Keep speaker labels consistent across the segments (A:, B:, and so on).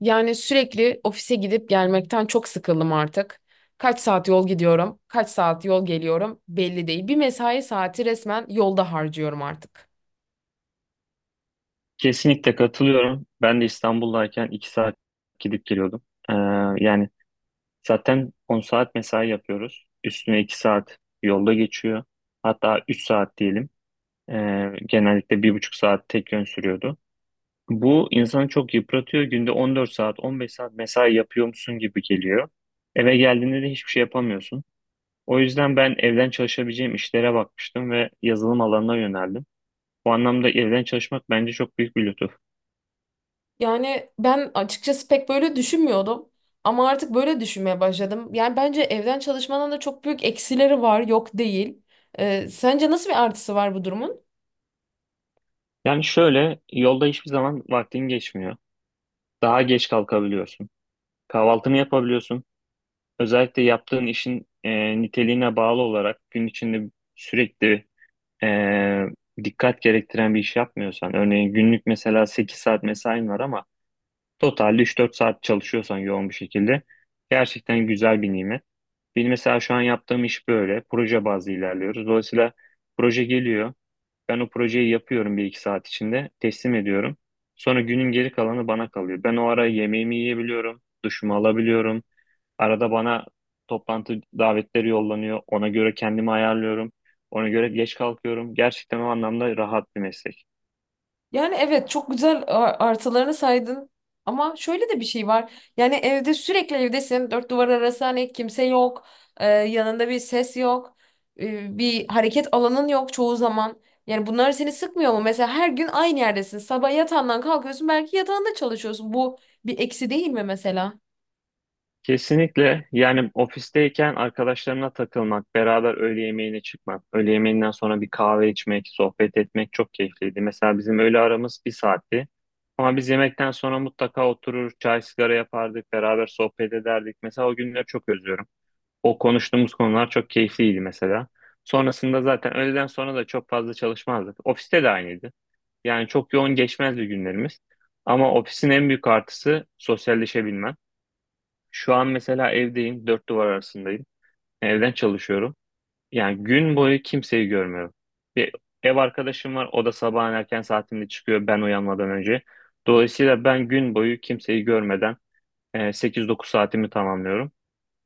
A: Yani sürekli ofise gidip gelmekten çok sıkıldım artık. Kaç saat yol gidiyorum, kaç saat yol geliyorum belli değil. Bir mesai saati resmen yolda harcıyorum artık.
B: Kesinlikle katılıyorum. Ben de İstanbul'dayken 2 saat gidip geliyordum. Ee, yani zaten 10 saat mesai yapıyoruz. Üstüne 2 saat yolda geçiyor. Hatta 3 saat diyelim. Genellikle bir buçuk saat tek yön sürüyordu. Bu insanı çok yıpratıyor. Günde 14 saat, 15 saat mesai yapıyormuşsun gibi geliyor. Eve geldiğinde de hiçbir şey yapamıyorsun. O yüzden ben evden çalışabileceğim işlere bakmıştım ve yazılım alanına yöneldim. Bu anlamda evden çalışmak bence çok büyük bir lütuf.
A: Yani ben açıkçası pek böyle düşünmüyordum ama artık böyle düşünmeye başladım. Yani bence evden çalışmanın da çok büyük eksileri var, yok değil. Sence nasıl bir artısı var bu durumun?
B: Yani şöyle yolda hiçbir zaman vaktin geçmiyor. Daha geç kalkabiliyorsun. Kahvaltını yapabiliyorsun. Özellikle yaptığın işin niteliğine bağlı olarak gün içinde sürekli e, dikkat gerektiren bir iş yapmıyorsan, örneğin günlük mesela 8 saat mesain var ama totalde üç dört saat çalışıyorsan yoğun bir şekilde gerçekten güzel bir nimet. Benim mesela şu an yaptığım iş böyle. Proje bazlı ilerliyoruz. Dolayısıyla proje geliyor. Ben o projeyi yapıyorum bir iki saat içinde, teslim ediyorum. Sonra günün geri kalanı bana kalıyor. Ben o ara yemeğimi yiyebiliyorum, duşumu alabiliyorum. Arada bana toplantı davetleri yollanıyor. Ona göre kendimi ayarlıyorum. Ona göre geç kalkıyorum. Gerçekten o anlamda rahat bir meslek.
A: Yani evet çok güzel artılarını saydın ama şöyle de bir şey var. Yani evde sürekli evdesin. Dört duvar arası hani kimse yok. Yanında bir ses yok. Bir hareket alanın yok çoğu zaman. Yani bunlar seni sıkmıyor mu? Mesela her gün aynı yerdesin. Sabah yatağından kalkıyorsun, belki yatağında çalışıyorsun. Bu bir eksi değil mi mesela?
B: Kesinlikle yani ofisteyken arkadaşlarına takılmak, beraber öğle yemeğine çıkmak, öğle yemeğinden sonra bir kahve içmek, sohbet etmek çok keyifliydi. Mesela bizim öğle aramız bir saatti. Ama biz yemekten sonra mutlaka oturur, çay sigara yapardık, beraber sohbet ederdik. Mesela o günleri çok özlüyorum. O konuştuğumuz konular çok keyifliydi mesela. Sonrasında zaten öğleden sonra da çok fazla çalışmazdık. Ofiste de aynıydı. Yani çok yoğun geçmezdi günlerimiz. Ama ofisin en büyük artısı sosyalleşebilmen. Şu an mesela evdeyim, dört duvar arasındayım. Evden çalışıyorum. Yani gün boyu kimseyi görmüyorum. Bir ev arkadaşım var, o da sabahın erken saatinde çıkıyor ben uyanmadan önce. Dolayısıyla ben gün boyu kimseyi görmeden 8-9 saatimi tamamlıyorum.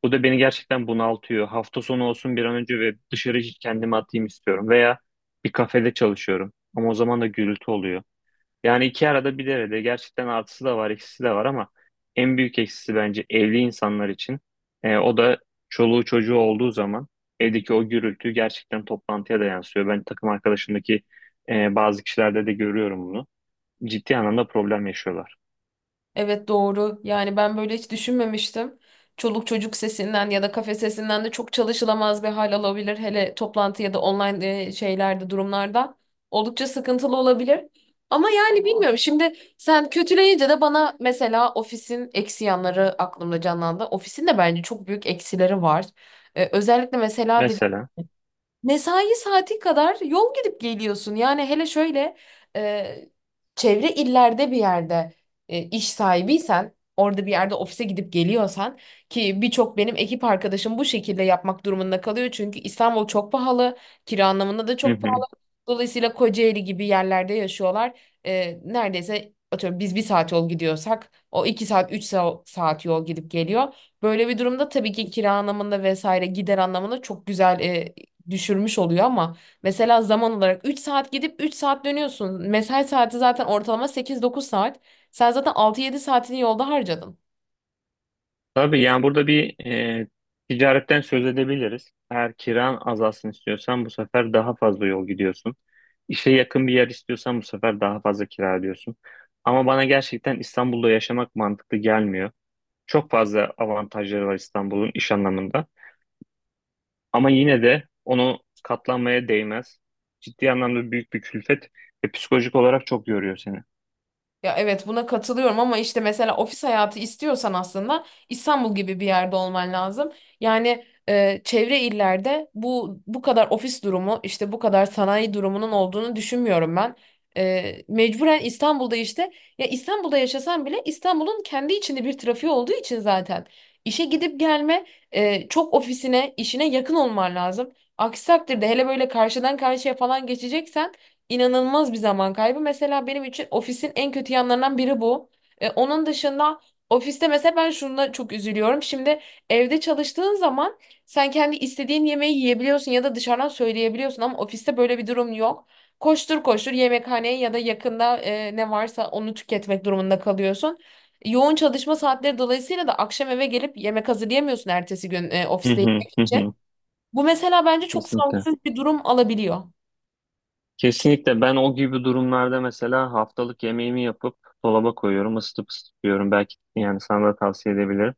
B: Bu da beni gerçekten bunaltıyor. Hafta sonu olsun bir an önce ve dışarı kendimi atayım istiyorum. Veya bir kafede çalışıyorum. Ama o zaman da gürültü oluyor. Yani iki arada bir derede gerçekten artısı da var, eksisi de var ama en büyük eksisi bence evli insanlar için. O da çoluğu çocuğu olduğu zaman evdeki o gürültü gerçekten toplantıya da yansıyor. Ben takım arkadaşımdaki bazı kişilerde de görüyorum bunu. Ciddi anlamda problem yaşıyorlar.
A: Evet, doğru. Yani ben böyle hiç düşünmemiştim. Çoluk çocuk sesinden ya da kafe sesinden de çok çalışılamaz bir hal alabilir. Hele toplantı ya da online şeylerde, durumlarda. Oldukça sıkıntılı olabilir. Ama yani bilmiyorum. Şimdi sen kötüleyince de bana mesela ofisin eksi yanları aklımda canlandı. Ofisin de bence çok büyük eksileri var. Özellikle mesela
B: Mesela.
A: mesai saati kadar yol gidip geliyorsun. Yani hele şöyle e, çevre illerde bir yerde iş sahibiysen, orada bir yerde ofise gidip geliyorsan, ki birçok benim ekip arkadaşım bu şekilde yapmak durumunda kalıyor. Çünkü İstanbul çok pahalı, kira anlamında da
B: Hı
A: çok pahalı.
B: hı.
A: Dolayısıyla Kocaeli gibi yerlerde yaşıyorlar. Neredeyse atıyorum biz bir saat yol gidiyorsak o iki saat saat yol gidip geliyor. Böyle bir durumda tabii ki kira anlamında vesaire gider anlamında çok güzel düşürmüş oluyor ama mesela zaman olarak 3 saat gidip 3 saat dönüyorsun. Mesai saati zaten ortalama sekiz dokuz saat. Sen zaten altı yedi saatini yolda harcadın.
B: Tabii yani burada bir ticaretten söz edebiliriz. Eğer kiran azalsın istiyorsan bu sefer daha fazla yol gidiyorsun. İşe yakın bir yer istiyorsan bu sefer daha fazla kira ödüyorsun. Ama bana gerçekten İstanbul'da yaşamak mantıklı gelmiyor. Çok fazla avantajları var İstanbul'un iş anlamında. Ama yine de onu katlanmaya değmez. Ciddi anlamda büyük bir külfet ve psikolojik olarak çok yoruyor seni.
A: Ya evet, buna katılıyorum ama işte mesela ofis hayatı istiyorsan aslında İstanbul gibi bir yerde olman lazım. Yani çevre illerde bu kadar ofis durumu, işte bu kadar sanayi durumunun olduğunu düşünmüyorum ben. Mecburen İstanbul'da işte, ya İstanbul'da yaşasan bile İstanbul'un kendi içinde bir trafiği olduğu için zaten işe gidip gelme, çok ofisine, işine yakın olman lazım. Aksi takdirde, hele böyle karşıdan karşıya falan geçeceksen, inanılmaz bir zaman kaybı. Mesela benim için ofisin en kötü yanlarından biri bu. Onun dışında ofiste mesela ben şuna çok üzülüyorum. Şimdi evde çalıştığın zaman sen kendi istediğin yemeği yiyebiliyorsun ya da dışarıdan söyleyebiliyorsun ama ofiste böyle bir durum yok. Koştur koştur yemekhaneye ya da yakında ne varsa onu tüketmek durumunda kalıyorsun. Yoğun çalışma saatleri dolayısıyla da akşam eve gelip yemek hazırlayamıyorsun ertesi gün
B: Hı
A: ofiste
B: hı
A: yemek
B: hı
A: için.
B: hı.
A: Bu mesela bence çok
B: Kesinlikle.
A: sağlıksız bir durum alabiliyor.
B: Kesinlikle ben o gibi durumlarda mesela haftalık yemeğimi yapıp dolaba koyuyorum, ısıtıp ısıtıyorum. Belki yani sana da tavsiye edebilirim.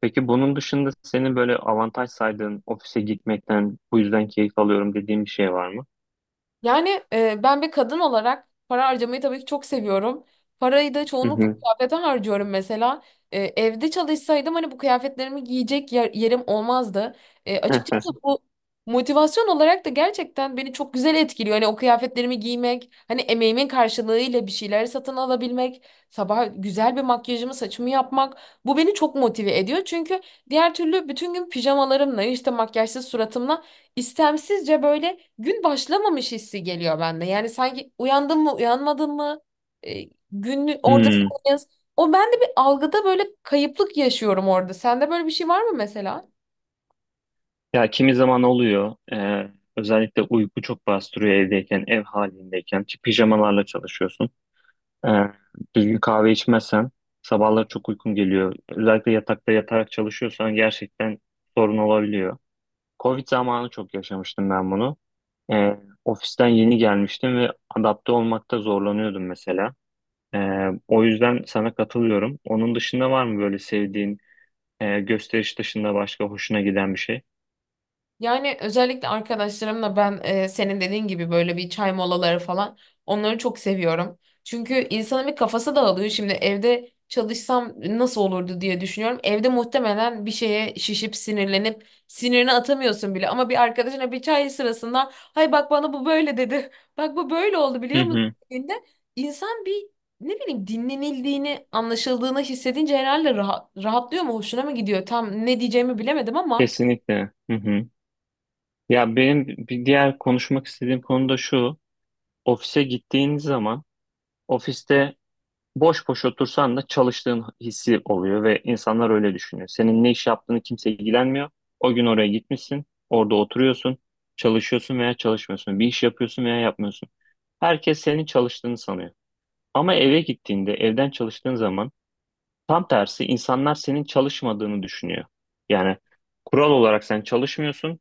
B: Peki bunun dışında senin böyle avantaj saydığın ofise gitmekten bu yüzden keyif alıyorum dediğin bir şey var mı?
A: Yani ben bir kadın olarak para harcamayı tabii ki çok seviyorum. Parayı da
B: Hı
A: çoğunlukla
B: hı.
A: kıyafete harcıyorum mesela. Evde çalışsaydım hani bu kıyafetlerimi giyecek yerim olmazdı. Açıkçası bu motivasyon olarak da gerçekten beni çok güzel etkiliyor. Hani o kıyafetlerimi giymek, hani emeğimin karşılığıyla bir şeyler satın alabilmek, sabah güzel bir makyajımı, saçımı yapmak, bu beni çok motive ediyor. Çünkü diğer türlü bütün gün pijamalarımla, işte makyajsız suratımla, istemsizce böyle gün başlamamış hissi geliyor bende. Yani sanki uyandım mı uyanmadım mı e, günün ortasında.
B: Hmm.
A: O, ben de bir algıda böyle kayıplık yaşıyorum orada. Sende böyle bir şey var mı mesela?
B: Ya kimi zaman oluyor. Özellikle uyku çok bastırıyor evdeyken, ev halindeyken. Ki pijamalarla çalışıyorsun. Ee, düzgün kahve içmezsen sabahlar çok uykun geliyor. Özellikle yatakta yatarak çalışıyorsan gerçekten sorun olabiliyor. Covid zamanı çok yaşamıştım ben bunu. Ee, ofisten yeni gelmiştim ve adapte olmakta zorlanıyordum mesela. O yüzden sana katılıyorum. Onun dışında var mı böyle sevdiğin gösteriş dışında başka hoşuna giden bir şey?
A: Yani özellikle arkadaşlarımla ben senin dediğin gibi böyle bir çay molaları falan, onları çok seviyorum. Çünkü insanın bir kafası dağılıyor. Şimdi evde çalışsam nasıl olurdu diye düşünüyorum. Evde muhtemelen bir şeye şişip sinirlenip sinirini atamıyorsun bile. Ama bir arkadaşına bir çay sırasında, "Hay bak, bana bu böyle dedi." "Bak bu böyle oldu,
B: Hı
A: biliyor musun?"
B: hı.
A: dediğinde insan bir, ne bileyim, dinlenildiğini, anlaşıldığını hissedince herhalde rahat, rahatlıyor mu, hoşuna mı gidiyor, tam ne diyeceğimi bilemedim ama.
B: Kesinlikle. Hı hı. Ya benim bir diğer konuşmak istediğim konu da şu. Ofise gittiğiniz zaman ofiste boş boş otursan da çalıştığın hissi oluyor ve insanlar öyle düşünüyor. Senin ne iş yaptığını kimse ilgilenmiyor. O gün oraya gitmişsin, orada oturuyorsun, çalışıyorsun veya çalışmıyorsun. Bir iş yapıyorsun veya yapmıyorsun. Herkes senin çalıştığını sanıyor. Ama eve gittiğinde, evden çalıştığın zaman tam tersi insanlar senin çalışmadığını düşünüyor. Yani kural olarak sen çalışmıyorsun.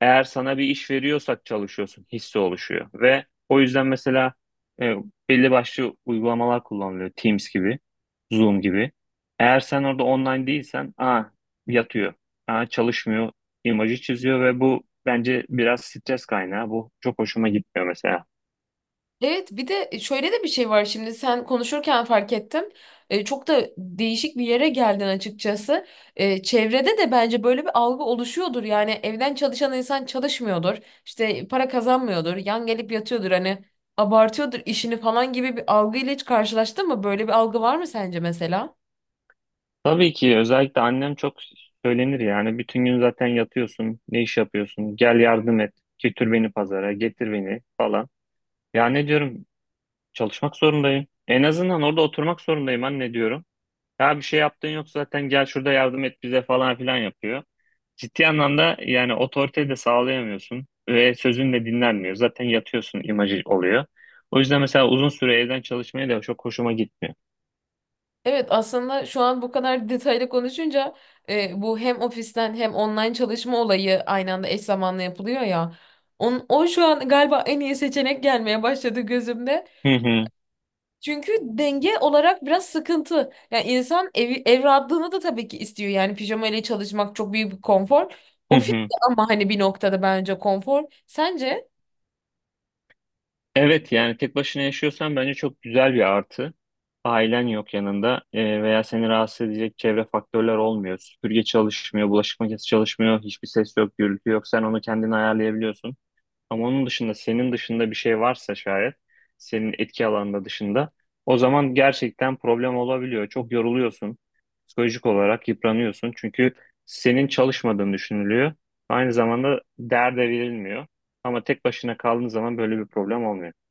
B: Eğer sana bir iş veriyorsak çalışıyorsun hissi oluşuyor. Ve o yüzden mesela e, belli başlı uygulamalar kullanılıyor. Teams gibi, Zoom gibi. Eğer sen orada online değilsen, aa yatıyor, aa çalışmıyor imajı çiziyor ve bu bence biraz stres kaynağı. Bu çok hoşuma gitmiyor mesela.
A: Evet, bir de şöyle de bir şey var, şimdi sen konuşurken fark ettim. Çok da değişik bir yere geldin açıkçası. Çevrede de bence böyle bir algı oluşuyordur. Yani evden çalışan insan çalışmıyordur. İşte para kazanmıyordur. Yan gelip yatıyordur. Hani abartıyordur işini falan gibi bir algıyla hiç karşılaştın mı? Böyle bir algı var mı sence mesela?
B: Tabii ki özellikle annem çok söylenir yani bütün gün zaten yatıyorsun ne iş yapıyorsun gel yardım et götür beni pazara getir beni falan. Ya ne diyorum çalışmak zorundayım en azından orada oturmak zorundayım anne diyorum. Ya bir şey yaptığın yok zaten gel şurada yardım et bize falan filan yapıyor. Ciddi anlamda yani otoriteyi de sağlayamıyorsun ve sözün de dinlenmiyor zaten yatıyorsun imajı oluyor. O yüzden mesela uzun süre evden çalışmaya da çok hoşuma gitmiyor.
A: Evet, aslında şu an bu kadar detaylı konuşunca bu hem ofisten hem online çalışma olayı aynı anda eş zamanlı yapılıyor ya. O şu an galiba en iyi seçenek gelmeye başladı gözümde.
B: Hı hı
A: Çünkü denge olarak biraz sıkıntı. Yani insan evi, ev rahatlığını da tabii ki istiyor. Yani pijama ile çalışmak çok büyük bir konfor.
B: hı
A: Ofis
B: hı.
A: de ama hani bir noktada bence konfor. Sence?
B: Evet yani tek başına yaşıyorsan bence çok güzel bir artı. Ailen yok yanında veya seni rahatsız edecek çevre faktörler olmuyor. Süpürge çalışmıyor, bulaşık makinesi çalışmıyor, hiçbir ses yok, gürültü yok. Sen onu kendin ayarlayabiliyorsun. Ama onun dışında senin dışında bir şey varsa şayet senin etki alanında dışında o zaman gerçekten problem olabiliyor. Çok yoruluyorsun. Psikolojik olarak yıpranıyorsun. Çünkü senin çalışmadığın düşünülüyor. Aynı zamanda derde verilmiyor. Ama tek başına kaldığın zaman böyle bir problem olmuyor.